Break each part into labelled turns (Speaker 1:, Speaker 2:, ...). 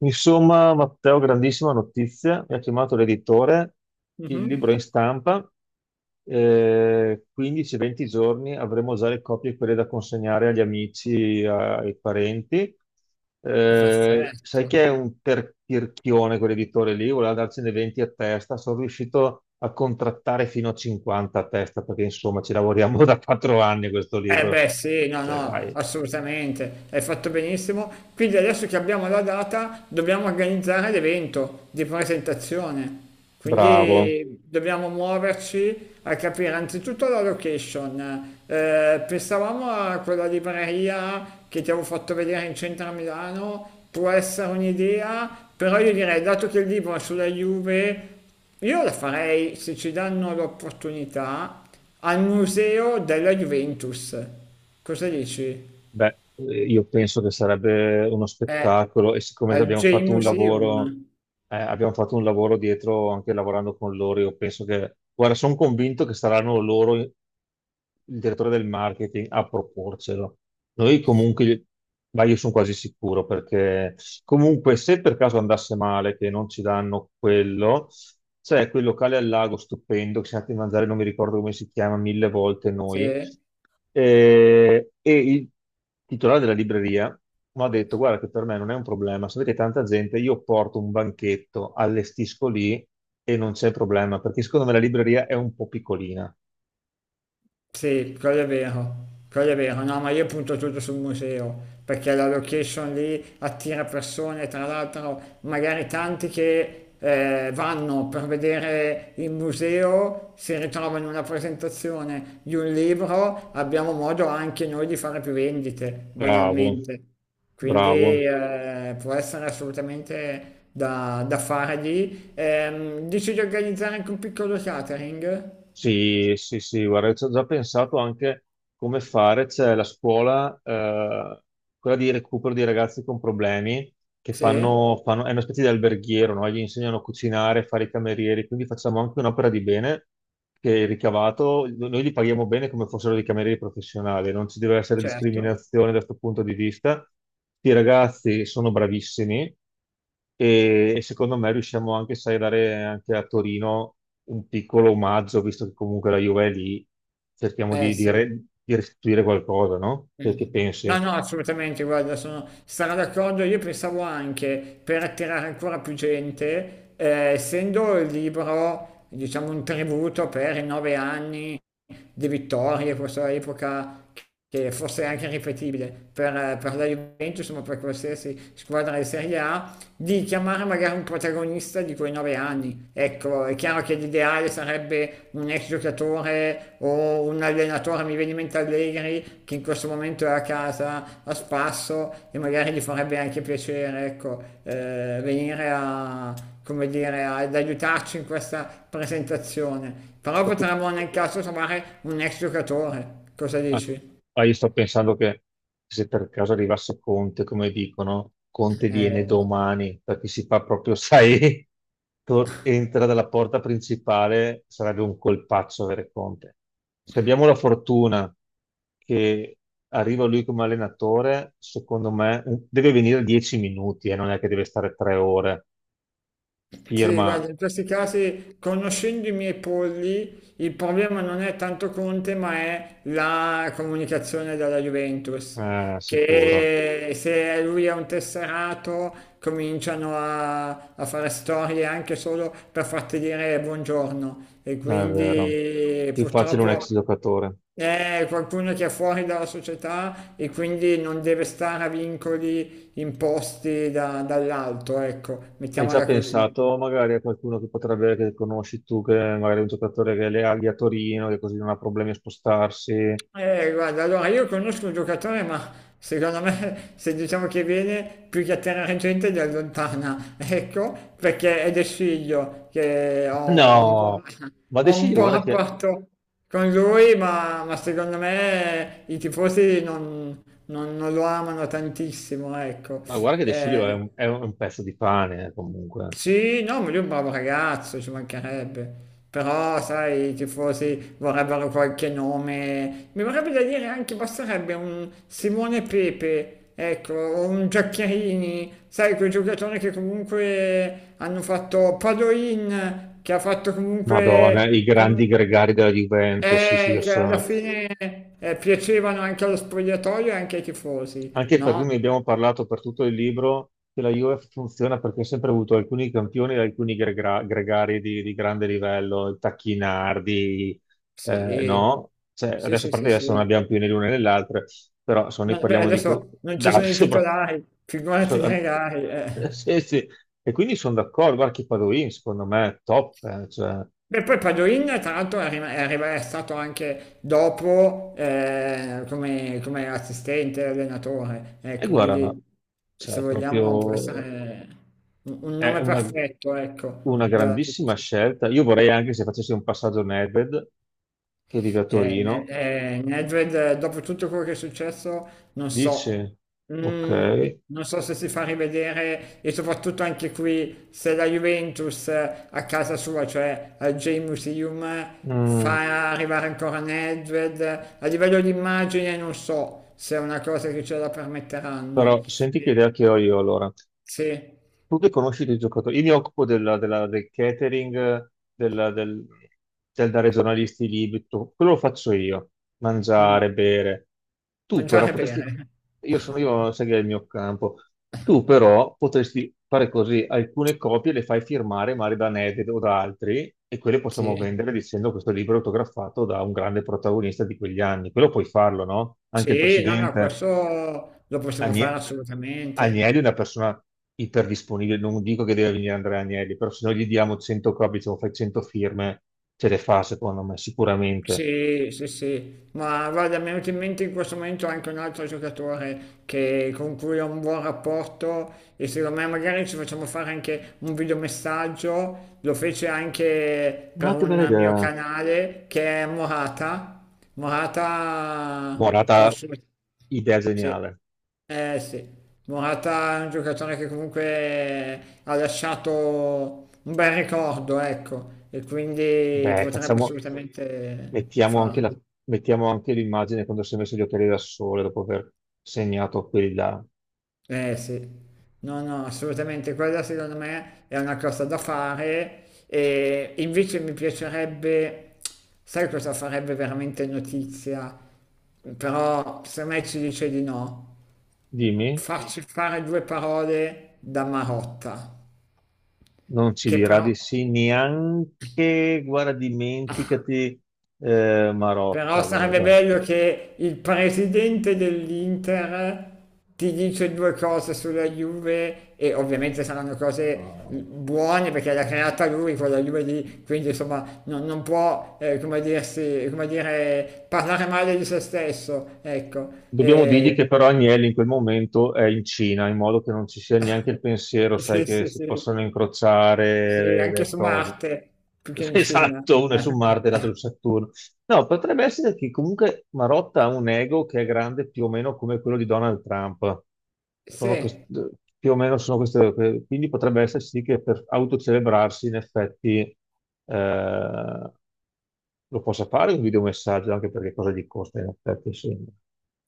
Speaker 1: Insomma, Matteo, grandissima notizia, mi ha chiamato l'editore, il
Speaker 2: Mh-mh.
Speaker 1: libro è in stampa, 15-20 giorni avremo già le copie quelle da consegnare agli amici, ai parenti. Sai
Speaker 2: Perfetto.
Speaker 1: che è un tirchione quell'editore lì, voleva darcene 20 a testa, sono riuscito a contrattare fino a 50 a testa perché insomma ci lavoriamo da 4 anni a questo
Speaker 2: Eh
Speaker 1: libro.
Speaker 2: beh sì, no,
Speaker 1: Cioè,
Speaker 2: no,
Speaker 1: dai,
Speaker 2: assolutamente, hai fatto benissimo. Quindi adesso che abbiamo la data dobbiamo organizzare l'evento di presentazione.
Speaker 1: bravo.
Speaker 2: Quindi dobbiamo muoverci a capire anzitutto la location. Pensavamo a quella libreria che ti avevo fatto vedere in centro a Milano, può essere un'idea, però io direi, dato che il libro è sulla Juve, io la farei se ci danno l'opportunità al museo della Juventus. Cosa dici?
Speaker 1: Beh, io penso che sarebbe uno
Speaker 2: Eh,
Speaker 1: spettacolo e siccome
Speaker 2: al J Museum.
Speaker 1: abbiamo fatto un lavoro dietro anche lavorando con loro, io penso che, guarda, sono convinto che saranno loro, il direttore del marketing, a proporcelo. Noi comunque, ma io sono quasi sicuro perché comunque se per caso andasse male che non ci danno quello, c'è quel locale al lago stupendo che siamo andati a mangiare, non mi ricordo come si chiama, mille volte noi
Speaker 2: Sì.
Speaker 1: e il titolare della libreria mi ha detto: Guarda, che per me non è un problema. Sapete, tanta gente, io porto un banchetto, allestisco lì e non c'è problema perché secondo me la libreria è un po' piccolina.
Speaker 2: Sì, quello è vero, no, ma io punto tutto sul museo, perché la location lì attira persone, tra l'altro magari tanti che vanno per vedere il museo, si ritrovano in una presentazione di un libro, abbiamo modo anche noi di fare più vendite,
Speaker 1: Bravo,
Speaker 2: banalmente. Quindi
Speaker 1: bravo.
Speaker 2: può essere assolutamente da fare lì. Dici di organizzare anche un piccolo catering?
Speaker 1: Sì, sì, sì, guarda, ci ho già pensato anche come fare. C'è la scuola, quella di recupero di ragazzi con problemi che
Speaker 2: Sì,
Speaker 1: è una specie di alberghiero, no? Gli insegnano a cucinare, a fare i camerieri, quindi facciamo anche un'opera di bene che il ricavato, noi li paghiamo bene come fossero dei camerieri professionali, non ci deve essere
Speaker 2: certo.
Speaker 1: discriminazione da questo punto di vista. I ragazzi sono bravissimi e secondo me riusciamo anche, sai, a dare anche a Torino un piccolo omaggio, visto che comunque la Juve è lì, cerchiamo
Speaker 2: Eh
Speaker 1: di, di
Speaker 2: sì,
Speaker 1: re- di restituire qualcosa, no? Che
Speaker 2: Mm. No,
Speaker 1: pensi?
Speaker 2: no, assolutamente, guarda, sono, sarò d'accordo. Io pensavo anche per attirare ancora più gente, essendo il libro, diciamo, un tributo per i 9 anni di vittorie, questa epoca che forse è anche ripetibile per la Juventus, ma per qualsiasi squadra di Serie A, di chiamare magari un protagonista di quei 9 anni. Ecco, è chiaro che l'ideale sarebbe un ex giocatore o un allenatore, mi viene in mente Allegri, che in questo momento è a casa a spasso e magari gli farebbe anche piacere, ecco, venire a, come dire, ad aiutarci in questa presentazione. Però
Speaker 1: Ma tu,
Speaker 2: potremmo nel caso trovare un ex giocatore, cosa
Speaker 1: ma tu-
Speaker 2: dici?
Speaker 1: io sto pensando che se per caso arrivasse Conte, come dicono, Conte viene
Speaker 2: Eh,
Speaker 1: domani, perché si fa proprio, sai, entra dalla porta principale, sarebbe un colpaccio avere Conte. Se abbiamo la fortuna che arriva lui come allenatore, secondo me deve venire 10 minuti e non è che deve stare tre ore.
Speaker 2: Sì,
Speaker 1: Firma.
Speaker 2: guarda, in questi casi, conoscendo i miei polli, il problema non è tanto Conte, ma è la comunicazione dalla Juventus,
Speaker 1: Eh, sicuro.
Speaker 2: che se lui è un tesserato cominciano a fare storie anche solo per farti dire buongiorno e
Speaker 1: No, è vero.
Speaker 2: quindi
Speaker 1: Più facile un
Speaker 2: purtroppo
Speaker 1: ex giocatore.
Speaker 2: è qualcuno che è fuori dalla società e quindi non deve stare a vincoli imposti dall'alto, ecco,
Speaker 1: Hai già
Speaker 2: mettiamola così.
Speaker 1: pensato magari a qualcuno che potrebbe, che conosci tu, che magari è un giocatore che le aghi a Torino, che così non ha problemi a spostarsi?
Speaker 2: Guarda, allora io conosco un giocatore, ma secondo me se diciamo che viene più che atterrare gente li allontana, ecco, perché è del figlio che ho,
Speaker 1: No, ma De
Speaker 2: ho un
Speaker 1: Sciglio,
Speaker 2: buon
Speaker 1: guarda che,
Speaker 2: rapporto con lui, ma secondo me i tifosi non lo amano tantissimo, ecco.
Speaker 1: ma guarda che De Sciglio
Speaker 2: Eh,
Speaker 1: è un pezzo di pane, comunque.
Speaker 2: sì, no, ma lui è un bravo ragazzo, ci mancherebbe. Però, sai, i tifosi vorrebbero qualche nome. Mi vorrebbe da dire anche, basterebbe un Simone Pepe, ecco, o un Giaccherini, sai, quei giocatori che comunque hanno fatto Padoin, che ha fatto
Speaker 1: Madonna,
Speaker 2: comunque,
Speaker 1: i grandi gregari della Juventus, sì, sì, io
Speaker 2: che alla
Speaker 1: sono.
Speaker 2: fine piacevano anche allo spogliatoio e anche ai tifosi,
Speaker 1: Anche perché
Speaker 2: no?
Speaker 1: ne abbiamo parlato per tutto il libro che la Juve funziona perché ha sempre avuto alcuni campioni e alcuni gregari di grande livello, il Tacchinardi,
Speaker 2: Sì,
Speaker 1: no? Cioè,
Speaker 2: sì,
Speaker 1: adesso
Speaker 2: sì,
Speaker 1: per
Speaker 2: sì,
Speaker 1: adesso non
Speaker 2: sì.
Speaker 1: abbiamo più né l'una né l'altra, però se noi
Speaker 2: No, beh,
Speaker 1: parliamo di...
Speaker 2: adesso non ci
Speaker 1: Dai,
Speaker 2: sono i
Speaker 1: sopra...
Speaker 2: titolari, figurati
Speaker 1: So-
Speaker 2: i regali, eh.
Speaker 1: Sì, sì. E quindi sono d'accordo, guarda che Padoin secondo me è top, cioè,
Speaker 2: E poi Padoin, tra l'altro, è, rim- è arriva- è stato anche dopo come assistente allenatore.
Speaker 1: e
Speaker 2: Ecco,
Speaker 1: guarda, no,
Speaker 2: quindi se
Speaker 1: cioè,
Speaker 2: vogliamo può
Speaker 1: proprio
Speaker 2: essere un
Speaker 1: è
Speaker 2: nome
Speaker 1: una,
Speaker 2: perfetto, ecco.
Speaker 1: una grandissima scelta. Io vorrei anche se facessi un passaggio Nedved, che vive a Torino.
Speaker 2: Nedved, dopo tutto quello che è successo, non so,
Speaker 1: Dice, ok,
Speaker 2: Mm, non so se si fa rivedere e soprattutto anche qui se la Juventus a casa sua, cioè al J-Museum,
Speaker 1: Mm,
Speaker 2: fa arrivare ancora Nedved. A livello di immagine non so se è una cosa che ce la permetteranno.
Speaker 1: però senti che
Speaker 2: Eh,
Speaker 1: idea che ho io allora.
Speaker 2: sì,
Speaker 1: Tu che conosci dei giocatori, io mi occupo del catering, del dare ai giornalisti i libri, tutto. Quello lo faccio io,
Speaker 2: Mm,
Speaker 1: mangiare, bere. Tu però
Speaker 2: mangiare
Speaker 1: potresti,
Speaker 2: bene.
Speaker 1: io sono io, sai che è il mio campo, tu però potresti fare così, alcune copie le fai firmare magari da Ned o da altri e quelle possiamo
Speaker 2: Sì,
Speaker 1: vendere dicendo questo libro è autografato da un grande protagonista di quegli anni, quello puoi farlo, no? Anche il
Speaker 2: sì, no, no,
Speaker 1: presidente.
Speaker 2: questo lo possiamo fare
Speaker 1: Agne-
Speaker 2: assolutamente.
Speaker 1: Agnelli è una persona iperdisponibile, non dico che deve venire Andrea Agnelli, però se noi gli diamo 100 copie, diciamo fai 100 firme, ce le fa secondo me, sicuramente.
Speaker 2: Sì, sì, sì, ma guarda, mi è venuto in mente in questo momento anche un altro giocatore con cui ho un buon rapporto e secondo me magari ci facciamo fare anche un videomessaggio, lo fece anche
Speaker 1: Ah,
Speaker 2: per
Speaker 1: che bella
Speaker 2: un mio
Speaker 1: idea.
Speaker 2: canale che è Morata, Morata
Speaker 1: Morata,
Speaker 2: prossimo.
Speaker 1: idea
Speaker 2: Sì.
Speaker 1: geniale.
Speaker 2: Eh sì, Morata è un giocatore che comunque ha lasciato un bel ricordo, ecco, e quindi
Speaker 1: Beh,
Speaker 2: potrebbe
Speaker 1: facciamo,
Speaker 2: assolutamente
Speaker 1: mettiamo anche la-
Speaker 2: farlo.
Speaker 1: mettiamo anche l'immagine quando si è messo gli occhiali da sole dopo aver segnato quelli là.
Speaker 2: Eh sì, no, no, assolutamente, quella secondo me è una cosa da fare e invece mi piacerebbe, sai cosa farebbe veramente notizia? Però se me ci dice di no,
Speaker 1: Dimmi,
Speaker 2: farci fare due parole da Marotta.
Speaker 1: non ci
Speaker 2: Che
Speaker 1: dirà
Speaker 2: però,
Speaker 1: di sì neanche, guarda, dimenticati
Speaker 2: però
Speaker 1: Marotta,
Speaker 2: sarebbe
Speaker 1: guarda.
Speaker 2: bello che il presidente dell'Inter ti dice due cose sulla Juve e ovviamente saranno cose
Speaker 1: No.
Speaker 2: buone perché l'ha creata lui quella Juve lì, quindi insomma non, non può, come dirsi, come dire, parlare male di se stesso, ecco.
Speaker 1: Dobbiamo dirgli
Speaker 2: E,
Speaker 1: che però Agnelli in quel momento è in Cina, in modo che non ci sia neanche il pensiero, sai,
Speaker 2: sì,
Speaker 1: che
Speaker 2: sì,
Speaker 1: si
Speaker 2: sì,
Speaker 1: possono
Speaker 2: sì,
Speaker 1: incrociare
Speaker 2: anche
Speaker 1: le
Speaker 2: su
Speaker 1: cose.
Speaker 2: Marte, più che in Cina.
Speaker 1: Esatto, uno è su Marte e l'altro su Saturno. No, potrebbe essere che comunque Marotta ha un ego che è grande più o meno come quello di Donald Trump. Sono quest-
Speaker 2: Sì.
Speaker 1: più o meno sono queste, quindi potrebbe essere sì che per autocelebrarsi in effetti eh, lo possa fare un videomessaggio, anche perché cosa gli costa in effetti, sì.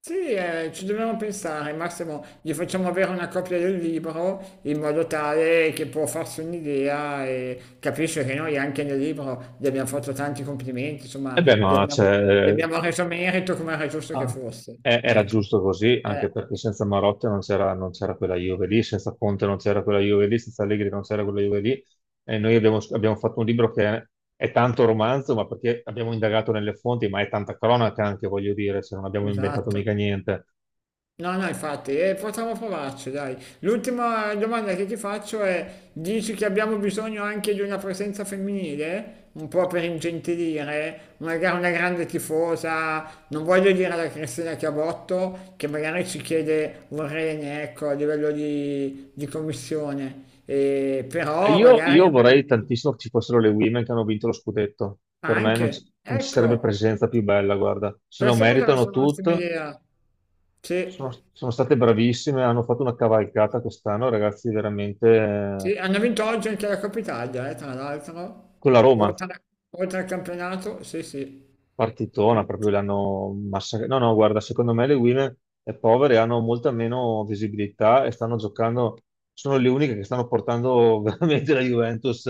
Speaker 2: Sì, ci dobbiamo pensare, Massimo, gli facciamo avere una copia del libro in modo tale che può farsi un'idea e capisce che noi anche nel libro gli abbiamo fatto tanti complimenti,
Speaker 1: E
Speaker 2: insomma,
Speaker 1: beh, ma
Speaker 2: gli
Speaker 1: cioè,
Speaker 2: abbiamo reso merito come era giusto che
Speaker 1: ah,
Speaker 2: fosse.
Speaker 1: era
Speaker 2: Ecco,
Speaker 1: giusto così,
Speaker 2: eh,
Speaker 1: anche perché senza Marotta non c'era quella Juve lì, senza Conte non c'era quella Juve lì, senza Allegri non c'era quella Juve lì. E noi abbiamo fatto un libro che è, tanto romanzo, ma perché abbiamo indagato nelle fonti, ma è tanta cronaca anche, voglio dire, se non abbiamo inventato
Speaker 2: esatto.
Speaker 1: mica niente.
Speaker 2: No, no, infatti, possiamo provarci, dai. L'ultima domanda che ti faccio è, dici che abbiamo bisogno anche di una presenza femminile? Un po' per ingentilire, magari una grande tifosa, non voglio dire la Cristina Chiabotto, che magari ci chiede un rene, ecco, a livello di commissione, però
Speaker 1: Io,
Speaker 2: magari
Speaker 1: io vorrei tantissimo che ci fossero le women che hanno vinto lo scudetto. Per me non ci,
Speaker 2: anche,
Speaker 1: non ci sarebbe
Speaker 2: ecco,
Speaker 1: presenza più bella, guarda. Se lo
Speaker 2: questa potrebbe
Speaker 1: meritano
Speaker 2: essere un'ottima
Speaker 1: tutte,
Speaker 2: idea.
Speaker 1: sono,
Speaker 2: Sì.
Speaker 1: sono state bravissime, hanno fatto una cavalcata quest'anno, ragazzi, veramente
Speaker 2: Sì, hanno vinto oggi anche la Coppa Italia, tra l'altro,
Speaker 1: con la Roma,
Speaker 2: oltre, oltre, al campionato, sì, sì,
Speaker 1: partitona,
Speaker 2: Quindi
Speaker 1: proprio l'hanno massacrata. No, no, guarda, secondo me le Women è povere, hanno molta meno visibilità e stanno giocando, sono le uniche che stanno portando veramente la Juventus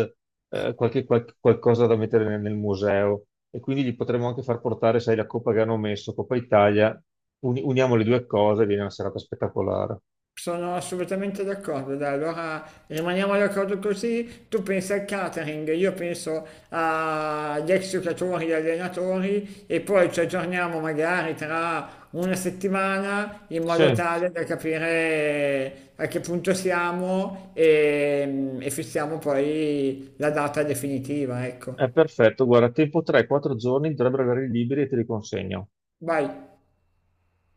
Speaker 1: qualcosa da mettere nel museo e quindi gli potremmo anche far portare, sai, la Coppa che hanno messo, Coppa Italia, uniamo le due cose, viene una serata spettacolare.
Speaker 2: sono assolutamente d'accordo. Dai, allora rimaniamo d'accordo così, tu pensi al catering, io penso agli ex giocatori e allenatori e poi ci aggiorniamo magari tra una settimana in modo
Speaker 1: Sì.
Speaker 2: tale da capire a che punto siamo e fissiamo poi la data definitiva, ecco.
Speaker 1: È perfetto, guarda, tempo 3-4 giorni dovrebbero avere liberi e te li consegno.
Speaker 2: Vai.